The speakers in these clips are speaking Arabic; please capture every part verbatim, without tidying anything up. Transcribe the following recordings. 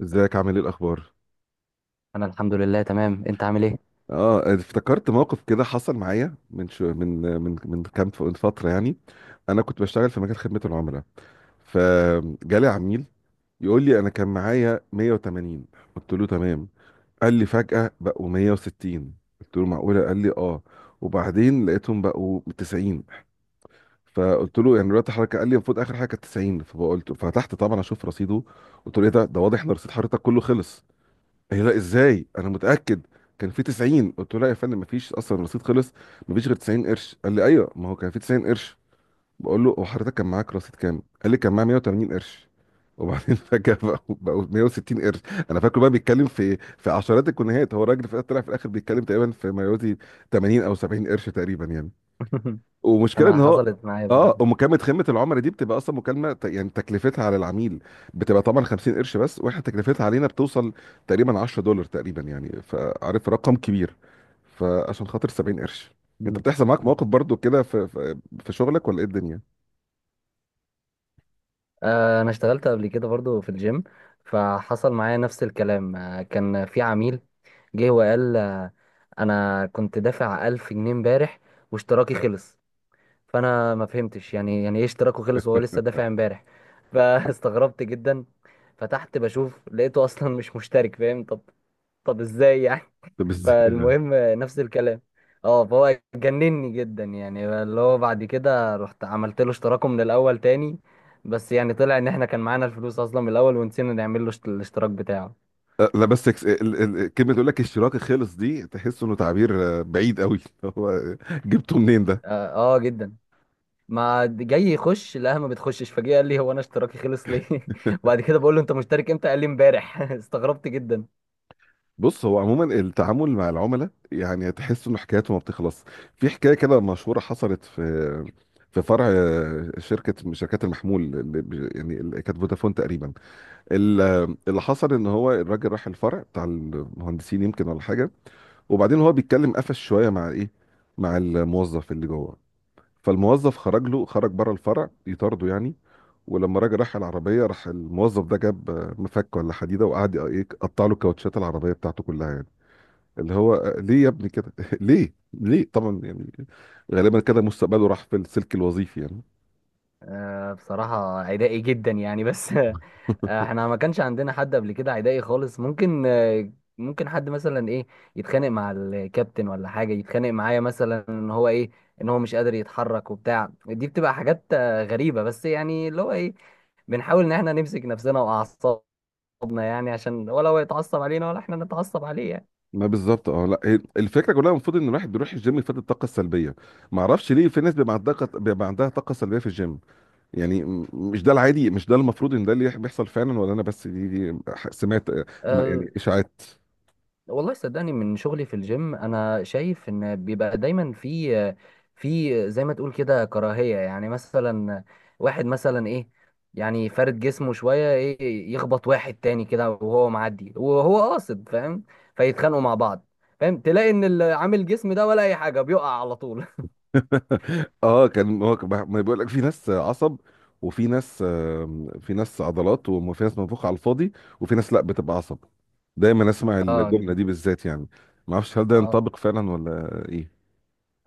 ازيك؟ عامل ايه؟ الاخبار؟ انا الحمد لله تمام. انت عامل ايه؟ اه، افتكرت موقف كده حصل معايا من شو من من من كام ف- من فتره يعني. انا كنت بشتغل في مجال خدمه العملاء، فجالي عميل يقول لي انا كان معايا ميه وتمانين، قلت له تمام. قال لي فجاه بقوا ميه وستين، قلت له معقوله؟ قال لي اه. وبعدين لقيتهم بقوا تسعين. فقلت له يعني دلوقتي حضرتك؟ قال لي المفروض اخر حاجه كانت تسعين. فقلت، فتحت طبعا اشوف رصيده، قلت له ايه ده ده واضح ان رصيد حضرتك كله خلص. هي لا، ازاي؟ انا متاكد كان في تسعين. قلت له لا يا فندم، مفيش اصلا، الرصيد خلص، مفيش غير تسعين قرش. قال لي ايوه، ما هو كان في تسعين قرش. بقول له هو حضرتك كان معاك رصيد كام؟ قال لي كان معايا ميه وتمانين قرش، وبعدين فجاه بقوا بقوا ميه وستين قرش. انا فاكره بقى بيتكلم في في عشرات الجنيهات، هو الراجل في- طلع في الاخر بيتكلم تقريبا في ما يوازي تمانين او سبعين قرش تقريبا يعني. ومشكلة انا ان هو، حصلت معايا قبل كده. اه ومكالمة خدمة العملاء دي بتبقى اصلا مكالمة، ت- يعني تكلفتها على العميل بتبقى طبعا خمسين قرش بس، واحنا تكلفتها علينا بتوصل تقريبا عشرة دولار تقريبا يعني، فعارف، رقم كبير، فعشان خاطر سبعين قرش. انت مم. بتحصل معاك مواقف برضو كده في في في شغلك ولا ايه الدنيا؟ آه، انا اشتغلت قبل كده برضو في الجيم، فحصل معايا نفس الكلام. آه، كان في عميل جه وقال آه، انا كنت دافع ألف جنيه امبارح واشتراكي خلص. فانا ما فهمتش يعني يعني ايه اشتراكه خلص وهو لسه دافع امبارح. فاستغربت جدا، فتحت بشوف لقيته اصلا مش مشترك، فاهم؟ طب طب ازاي يعني؟ طب ازاي ده؟ فالمهم نفس الكلام. اه، فهو جنني جدا، يعني اللي هو بعد كده رحت عملت له اشتراكه من الاول تاني، بس يعني طلع ان احنا كان معانا الفلوس اصلا من الاول ونسينا نعمل له اشت- الاشتراك بتاعه. آه، لا بس كس- ال- ال- كلمة تقول لك اشتراكي خلص دي تحس انه تعبير آه، بعيد قوي هو آه، جبته منين ده؟ اه, آه جدا. ما د- جاي يخش، لا ما بتخشش فجأة، قال لي هو انا اشتراكي خلص ليه؟ وبعد كده بقول له انت مشترك امتى؟ قال لي امبارح. استغربت جدا. بص، هو عموما التعامل مع العملاء يعني تحس انه حكايته ما بتخلص. في حكايه كده مشهوره حصلت في في فرع، شركه من شركات المحمول اللي بي- يعني اللي كانت فودافون تقريبا. ال- اللي حصل ان هو الراجل راح الفرع بتاع المهندسين يمكن ولا حاجه، وبعدين هو بيتكلم، قفش شويه مع ايه، مع الموظف اللي جوه، فالموظف خرج له، خرج بره الفرع يطارده يعني، ولما راجل راح العربيه راح الموظف ده جاب مفك ولا حديده وقعد ايه، قطع له كاوتشات العربيه بتاعته كلها يعني. اللي هو آه، ليه يا ابني كده؟ ليه ليه طبعا يعني. غالبا كده مستقبله راح في السلك الوظيفي يعني. آه، بصراحة عدائي جدا يعني بس. آه، احنا ما كانش عندنا حد قبل كده عدائي خالص. ممكن آه، ممكن حد مثلا ايه يتخانق مع الكابتن ولا حاجة، يتخانق معايا مثلا ان هو ايه، ان هو مش قادر يتحرك وبتاع. دي بتبقى حاجات آه، غريبة، بس يعني اللي هو ايه بنحاول ان احنا نمسك نفسنا واعصابنا، يعني عشان ولا هو يتعصب علينا ولا احنا نتعصب عليه يعني. ما بالظبط، اه. لا، هي الفكره كلها المفروض ان الواحد بيروح الجيم يفقد الطاقه السلبيه، ما اعرفش ليه في ناس بيبقى عندها طاقة- بيبقى عندها طاقه سلبيه في الجيم. يعني م- مش ده العادي؟ مش ده المفروض ان ده اللي بيحصل فعلا؟ ولا انا بس دي, دي آه، ح- سمعت آه، م- آه، يعني اشاعات؟ والله صدقني من شغلي في الجيم انا شايف ان بيبقى دايما في في زي ما تقول كده كراهية. يعني مثلا واحد مثلا ايه، يعني فارد جسمه شوية ايه، يخبط واحد تاني كده وهو معدي وهو قاصد، فاهم؟ فيتخانقوا مع بعض. فاهم؟ تلاقي ان اللي عامل جسم ده ولا اي حاجة بيقع على طول. اه، كان هو كان بح- ما بيقول لك في ناس عصب، وفي ناس آم، في ناس عضلات، وفي ناس منفوخه على الفاضي، وفي ناس لا بتبقى عصب. دايما اسمع اه الجمله جدا. دي بالذات يعني. ما اعرفش هل ده اه ينطبق فعلا ولا ايه.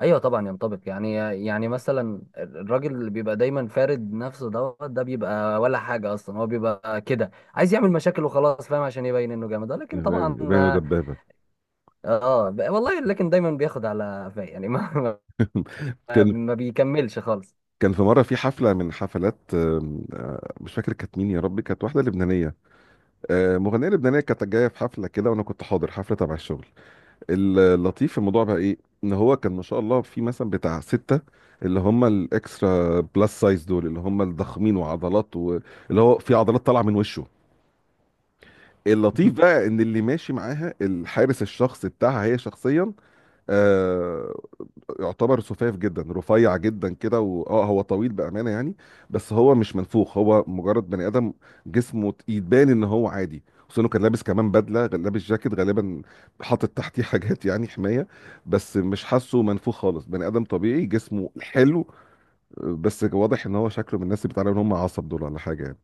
ايوه طبعا ينطبق يعني. يعني مثلا الراجل اللي بيبقى دايما فارد نفسه دوت ده بيبقى ولا حاجه اصلا، هو بيبقى كده عايز يعمل مشاكل وخلاص، فاهم؟ عشان يبين انه جامد، لكن طبعا باينه اه دبابه. آه، ب- والله لكن دايما بياخد على قفاه يعني ما, كان ما بيكملش خالص. كان في مره في حفله، من حفلات آم، آه، مش فاكر كانت مين، يا ربي، كانت واحده لبنانيه، آه، مغنيه لبنانيه، كانت جايه في حفله كده وانا كنت حاضر حفله تبع الشغل. اللطيف في الموضوع بقى ايه، ان هو كان ما شاء الله في مثلا بتاع ستة اللي هم الاكسترا بلس سايز دول، اللي هم الضخمين وعضلات و... اللي هو في عضلات طالعه من وشه. اللطيف بقى ان اللي ماشي معاها الحارس الشخصي بتاعها هي شخصيا، آه يعتبر سفاف جدا، رفيع جدا كده، واه هو طويل بامانه يعني، بس هو مش منفوخ، هو مجرد بني ادم جسمه تقيل، باين ان هو عادي، خصوصا انه كان لابس كمان بدله، كان لابس جاكيت غالبا حاطط تحتيه حاجات يعني حمايه، بس مش حاسه منفوخ خالص، بني ادم طبيعي جسمه حلو، بس واضح ان هو شكله من الناس اللي بيتعاملوا ان هم عصب دول ولا حاجه يعني.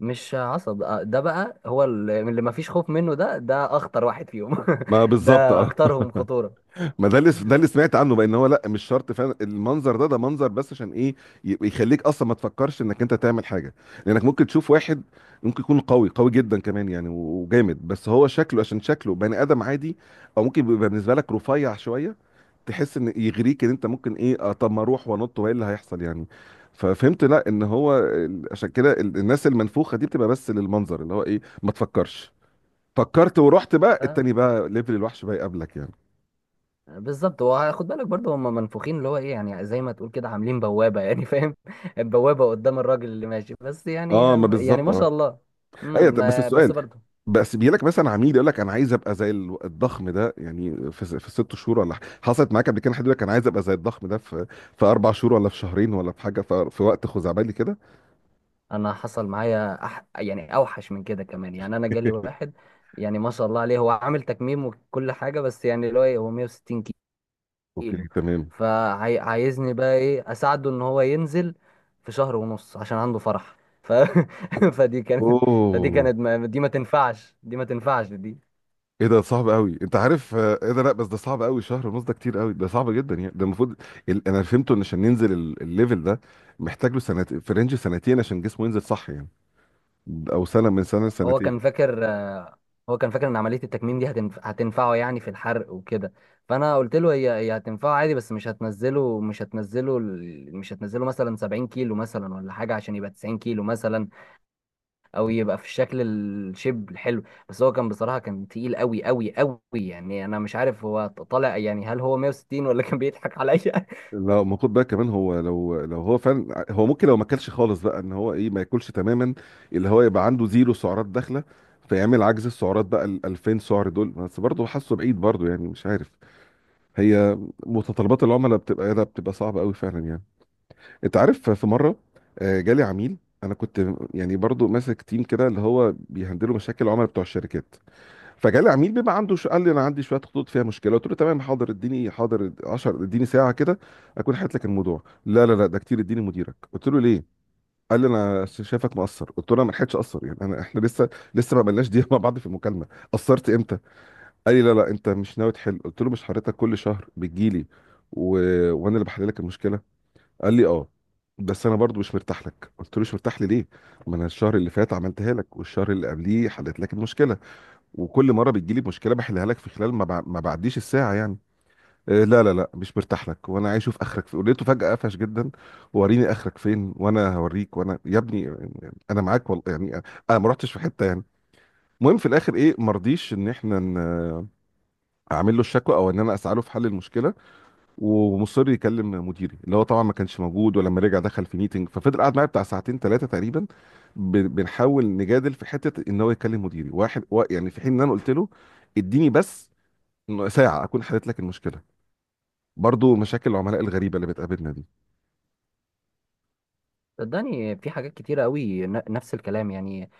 مش عصب آه، ده بقى هو اللي اللي ما فيش خوف منه، ده ده اخطر واحد فيهم. ما بالظبط، ده اه. اكترهم خطوره. ما ده اللي ده اللي سمعت عنه بقى، ان هو لا، مش شرط فعلا المنظر، ده ده منظر بس، عشان ايه؟ ي- يخليك اصلا ما تفكرش انك انت تعمل حاجه، لانك ممكن تشوف واحد ممكن يكون قوي قوي جدا كمان يعني و- وجامد، بس هو شكله، عشان شكله بني ادم عادي، او ممكن يبقى بالنسبه لك رفيع شويه، تحس ان يغريك ان انت ممكن ايه، آه طب ما اروح وانط وايه اللي هيحصل يعني؟ ففهمت لا، ان هو ال- عشان كده ال- الناس المنفوخه دي بتبقى بس للمنظر، اللي هو ايه، ما تفكرش. فكرت ورحت بقى التاني، بقى ليفل الوحش بقى يقابلك يعني. بالظبط. هو خد بالك برضه، هم منفوخين اللي هو ايه، يعني زي ما تقول كده عاملين بوابة، يعني فاهم؟ بوابة قدام الراجل اللي ماشي بس يعني. اه، ما يعني بالظبط، ما شاء اه. الله. ايوه، امم طب بس ما- السؤال، بس برضه بس بيجي لك مثلا عميل يقول لك انا عايز ابقى زي ال- الضخم ده يعني في س- في ست شهور، ولا ح- حصلت معاك قبل كده حد يقول لك انا عايز ابقى زي الضخم ده في في اربع شهور، ولا في شهرين، ولا في حاجه في, في وقت خزعبلي كده؟ انا حصل معايا أح، يعني اوحش من كده كمان. يعني انا جالي واحد، يعني ما شاء الله عليه، هو عامل تكميم وكل حاجة، بس يعني اللي هو ايه هو مية وستين اوكي كيلو. تمام. فعايزني بقى ايه اساعده ان هو ينزل في شهر ونص عشان عنده فرح. ف... فدي كانت، فدي اوه، كانت ما... دي ما تنفعش، دي ما تنفعش دي. ايه ده صعب قوي، انت عارف، آه، ايه ده، لا بس ده صعب قوي، شهر ونص ده كتير قوي، ده صعب جدا يعني، ده المفروض ال- انا فهمته ان عشان ننزل ال- الليفل ده محتاج له سنتين، في رينج سنتين عشان جسمه ينزل صح يعني، او سنه، من سنه هو لسنتين. كان فاكر آه، هو كان فاكر ان عمليه التكميم دي هتنف... هتنفعه يعني في الحرق وكده. فانا قلت له هي هي هتنفعه عادي، بس مش هتنزله مش هتنزله ال- مش هتنزله مثلا سبعين كيلو مثلا ولا حاجه، عشان يبقى تسعين كيلو مثلا، او يبقى في الشكل الشيب الحلو. بس هو كان بصراحه كان تقيل قوي قوي قوي، يعني انا مش عارف هو طالع، يعني هل هو مية وستين ولا كان بيضحك عليا. لا، ما خد بالك كمان، هو لو لو هو فعلا، ع- هو ممكن لو ما اكلش خالص بقى، ان هو ايه، ما ياكلش تماما، اللي هو يبقى عنده زيرو سعرات داخله، فيعمل عجز السعرات بقى، ال ألفين سعر دول، بس برضه حاسه بعيد برضه يعني، مش عارف. هي متطلبات العملاء بتبقى لا، بتبقى صعبه قوي فعلا يعني. انت عارف، في مره آه، جالي عميل. انا كنت يعني برضه ماسك تيم كده اللي هو بيهندلوا مشاكل العملاء بتوع الشركات. فجالي عميل بيبقى عنده شو، قال لي انا عندي شويه خطوط فيها مشكله. قلت له تمام، حاضر، اديني، حاضر عشر، اديني ساعه كده اكون حلت لك الموضوع. لا لا لا، ده كتير، اديني مديرك. قلت له ليه؟ قال لي انا شايفك مقصر. قلت له انا ما لحقتش اقصر يعني، انا احنا لسه لسه ما عملناش دقيقه مع بعض في المكالمه، قصرت امتى؟ قال لي لا لا، انت مش ناوي تحل. قلت له مش حضرتك كل شهر بتجيلي و... وانا اللي بحل لك المشكله؟ قال لي اه، بس انا برضو مش مرتاح لك. قلت له مش مرتاح لي ليه؟ ما انا الشهر اللي فات عملتها لك، والشهر اللي قبليه حلت لك المشكله، وكل مره بتجيلي مشكله بحلها لك في خلال ما, بع... ما بعديش الساعه يعني. إيه، لا لا لا، مش مرتاح لك، وانا عايز اشوف اخرك فين. ولقيته فجاه قفش جدا، وريني اخرك فين وانا هوريك، وانا يا ابني، انا معاك والله يعني، انا ما رحتش في حته يعني. المهم في الاخر ايه، ما رضيش ان احنا ن- اعمل له الشكوى، او ان انا اسعى له في حل المشكله، ومصر يكلم مديري، اللي هو طبعا ما كانش موجود، ولما رجع دخل في ميتنج، ففضل قاعد معايا بتاع ساعتين ثلاثه تقريبا، ب- بنحاول نجادل في حته ان هو يكلم مديري واحد وا- يعني، في حين ان انا قلت له اديني بس ساعة أكون حلت لك المشكلة. برضو مشاكل العملاء الغريبة اللي بتقابلنا دي. صدقني في حاجات كتيره قوي، ن- نفس الكلام يعني.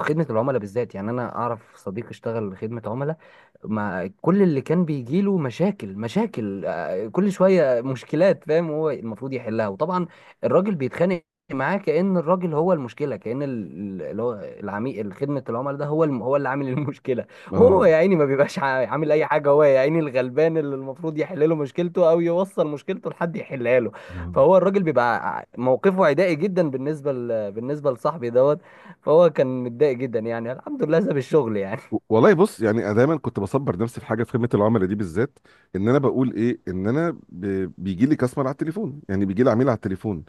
خدمه العملاء بالذات، يعني انا اعرف صديق اشتغل خدمه عملاء مع كل اللي كان بيجيله مشاكل، مشاكل آه، كل شوية مشكلات، فاهم؟ هو المفروض يحلها، وطبعا الراجل بيتخانق معاه كأن الراجل هو المشكلة، كأن ال- اللي هو العميل، خدمة العملاء ده هو الم- هو اللي عامل المشكلة. وهو اه. يا عيني ما بيبقاش عا- عامل أي حاجة، هو يا عيني الغلبان اللي المفروض يحل له مشكلته أو يوصل مشكلته لحد يحلها له. آه. فهو الراجل بيبقى ع- موقفه عدائي جدا بالنسبة ل... بالنسبة لصاحبي دوت. فهو كان متضايق جدا، يعني الحمد لله ساب الشغل يعني. و- والله بص، يعني انا دايما كنت بصبر نفسي في حاجه في خدمه العملاء دي بالذات، ان انا بقول ايه، ان انا بيجي لي كاستمر على التليفون، يعني بيجي لي عميل على التليفون.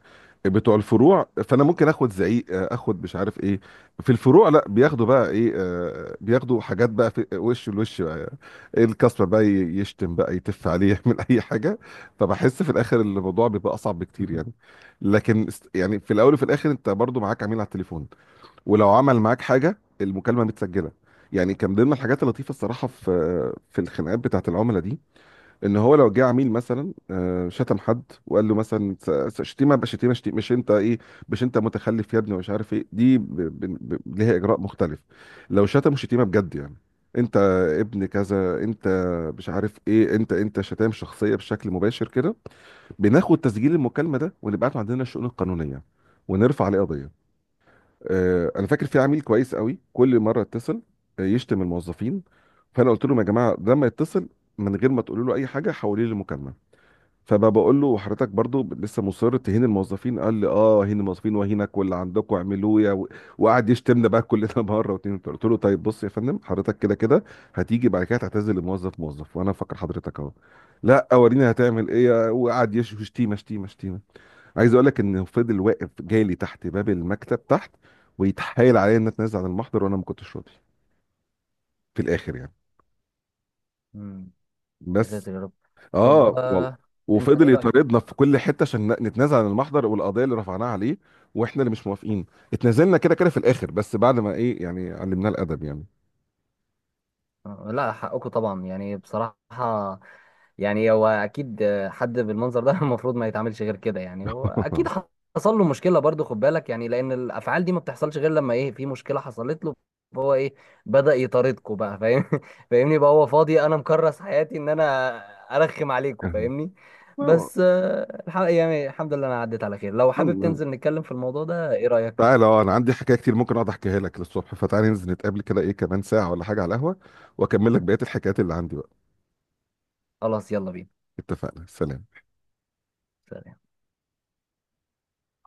بتوع الفروع، فانا ممكن اخد زعيق، آه، اخد مش عارف ايه. في الفروع لا، بياخدوا بقى ايه، آه، بياخدوا حاجات بقى في وش الوش بقى. إيه الكاستمر بقى ي- يشتم بقى، يتف عليه، يعمل اي حاجه. فبحس في الاخر الموضوع بيبقى اصعب بكتير يعني. لكن است- يعني في الاول وفي الاخر انت برضو معاك عميل على التليفون، ولو عمل معاك حاجه المكالمه متسجله. يعني كان من ضمن الحاجات اللطيفه الصراحه في في الخناقات بتاعت العملاء دي، ان هو لو جه عميل مثلا، آه، شتم حد وقال له مثلا س- س- شتيمه، بشتيمه، شتيمه مش انت ايه، مش انت متخلف يا ابني، ومش عارف ايه، دي ب... ب... ب... ليها اجراء مختلف. لو شتم شتيمه بجد يعني، انت ابن كذا، انت مش عارف ايه، انت انت شتام شخصيه بشكل مباشر كده، بناخد تسجيل المكالمه ده ونبعته عندنا الشؤون القانونيه، ونرفع عليه قضيه. آه، انا فاكر في عميل كويس قوي، كل مره اتصل آه، يشتم الموظفين. فانا قلت لهم يا جماعه، لما يتصل من غير ما تقولوا له اي حاجه حوليه لمكالمه. فبقى بقول له حضرتك برضو لسه مصر تهين الموظفين؟ قال لي اه، هين الموظفين وهينك، واللي عندكم اعملوه يا و- وقعد يشتمنا بقى كلنا مره، واتنين، وتلاته. قلت له طيب بص يا فندم، حضرتك كده كده هتيجي بعد كده تعتذر لموظف موظف، وانا فاكر حضرتك اهو. لا، وريني هتعمل ايه، وقعد يش- يشتيمه شتيمه شتيمه. عايز اقول لك انه فضل واقف جالي تحت باب المكتب تحت، ويتحايل عليا ان اتنازل عن المحضر، وانا ما كنتش راضي في الاخر يعني، يا بس. ساتر يا رب. طب اه والله. آه، انت ايه وفضل رايك؟ يطاردنا في كل حته عشان ن- نتنازل عن المحضر والقضيه اللي رفعناها عليه، واحنا اللي مش موافقين. اتنازلنا كده كده في الاخر، بس بعد ما ايه يعني، علمناه الادب يعني. آه، لا حقكم طبعا يعني بصراحه. يعني هو اكيد آه، حد بالمنظر ده المفروض ما يتعاملش غير كده يعني. هو اكيد حصل له مشكله برضو، خد بالك يعني، لان الافعال دي ما بتحصلش غير لما ايه، في مشكله حصلت له، فهو ايه بدا يطاردكم بقى، فاهم؟ فاهمني؟ بقى هو فاضي، انا مكرس حياتي ان انا ارخم عليكم، فاهمني؟ آه، بس آه، الحق يعني، الحمد لله انا عديت على خير. لو حابب الحمد تنزل نتكلم في الموضوع ده، ايه رايك؟ تعالى، اه، انا عندي حكايه كتير ممكن اقعد احكيها لك للصبح، فتعالى ننزل نتقابل كده ايه، كمان ساعه ولا حاجه على القهوه، واكمل لك بقيه الحكايات اللي عندي بقى. خلاص يلا بينا. اتفقنا، سلام. سلام.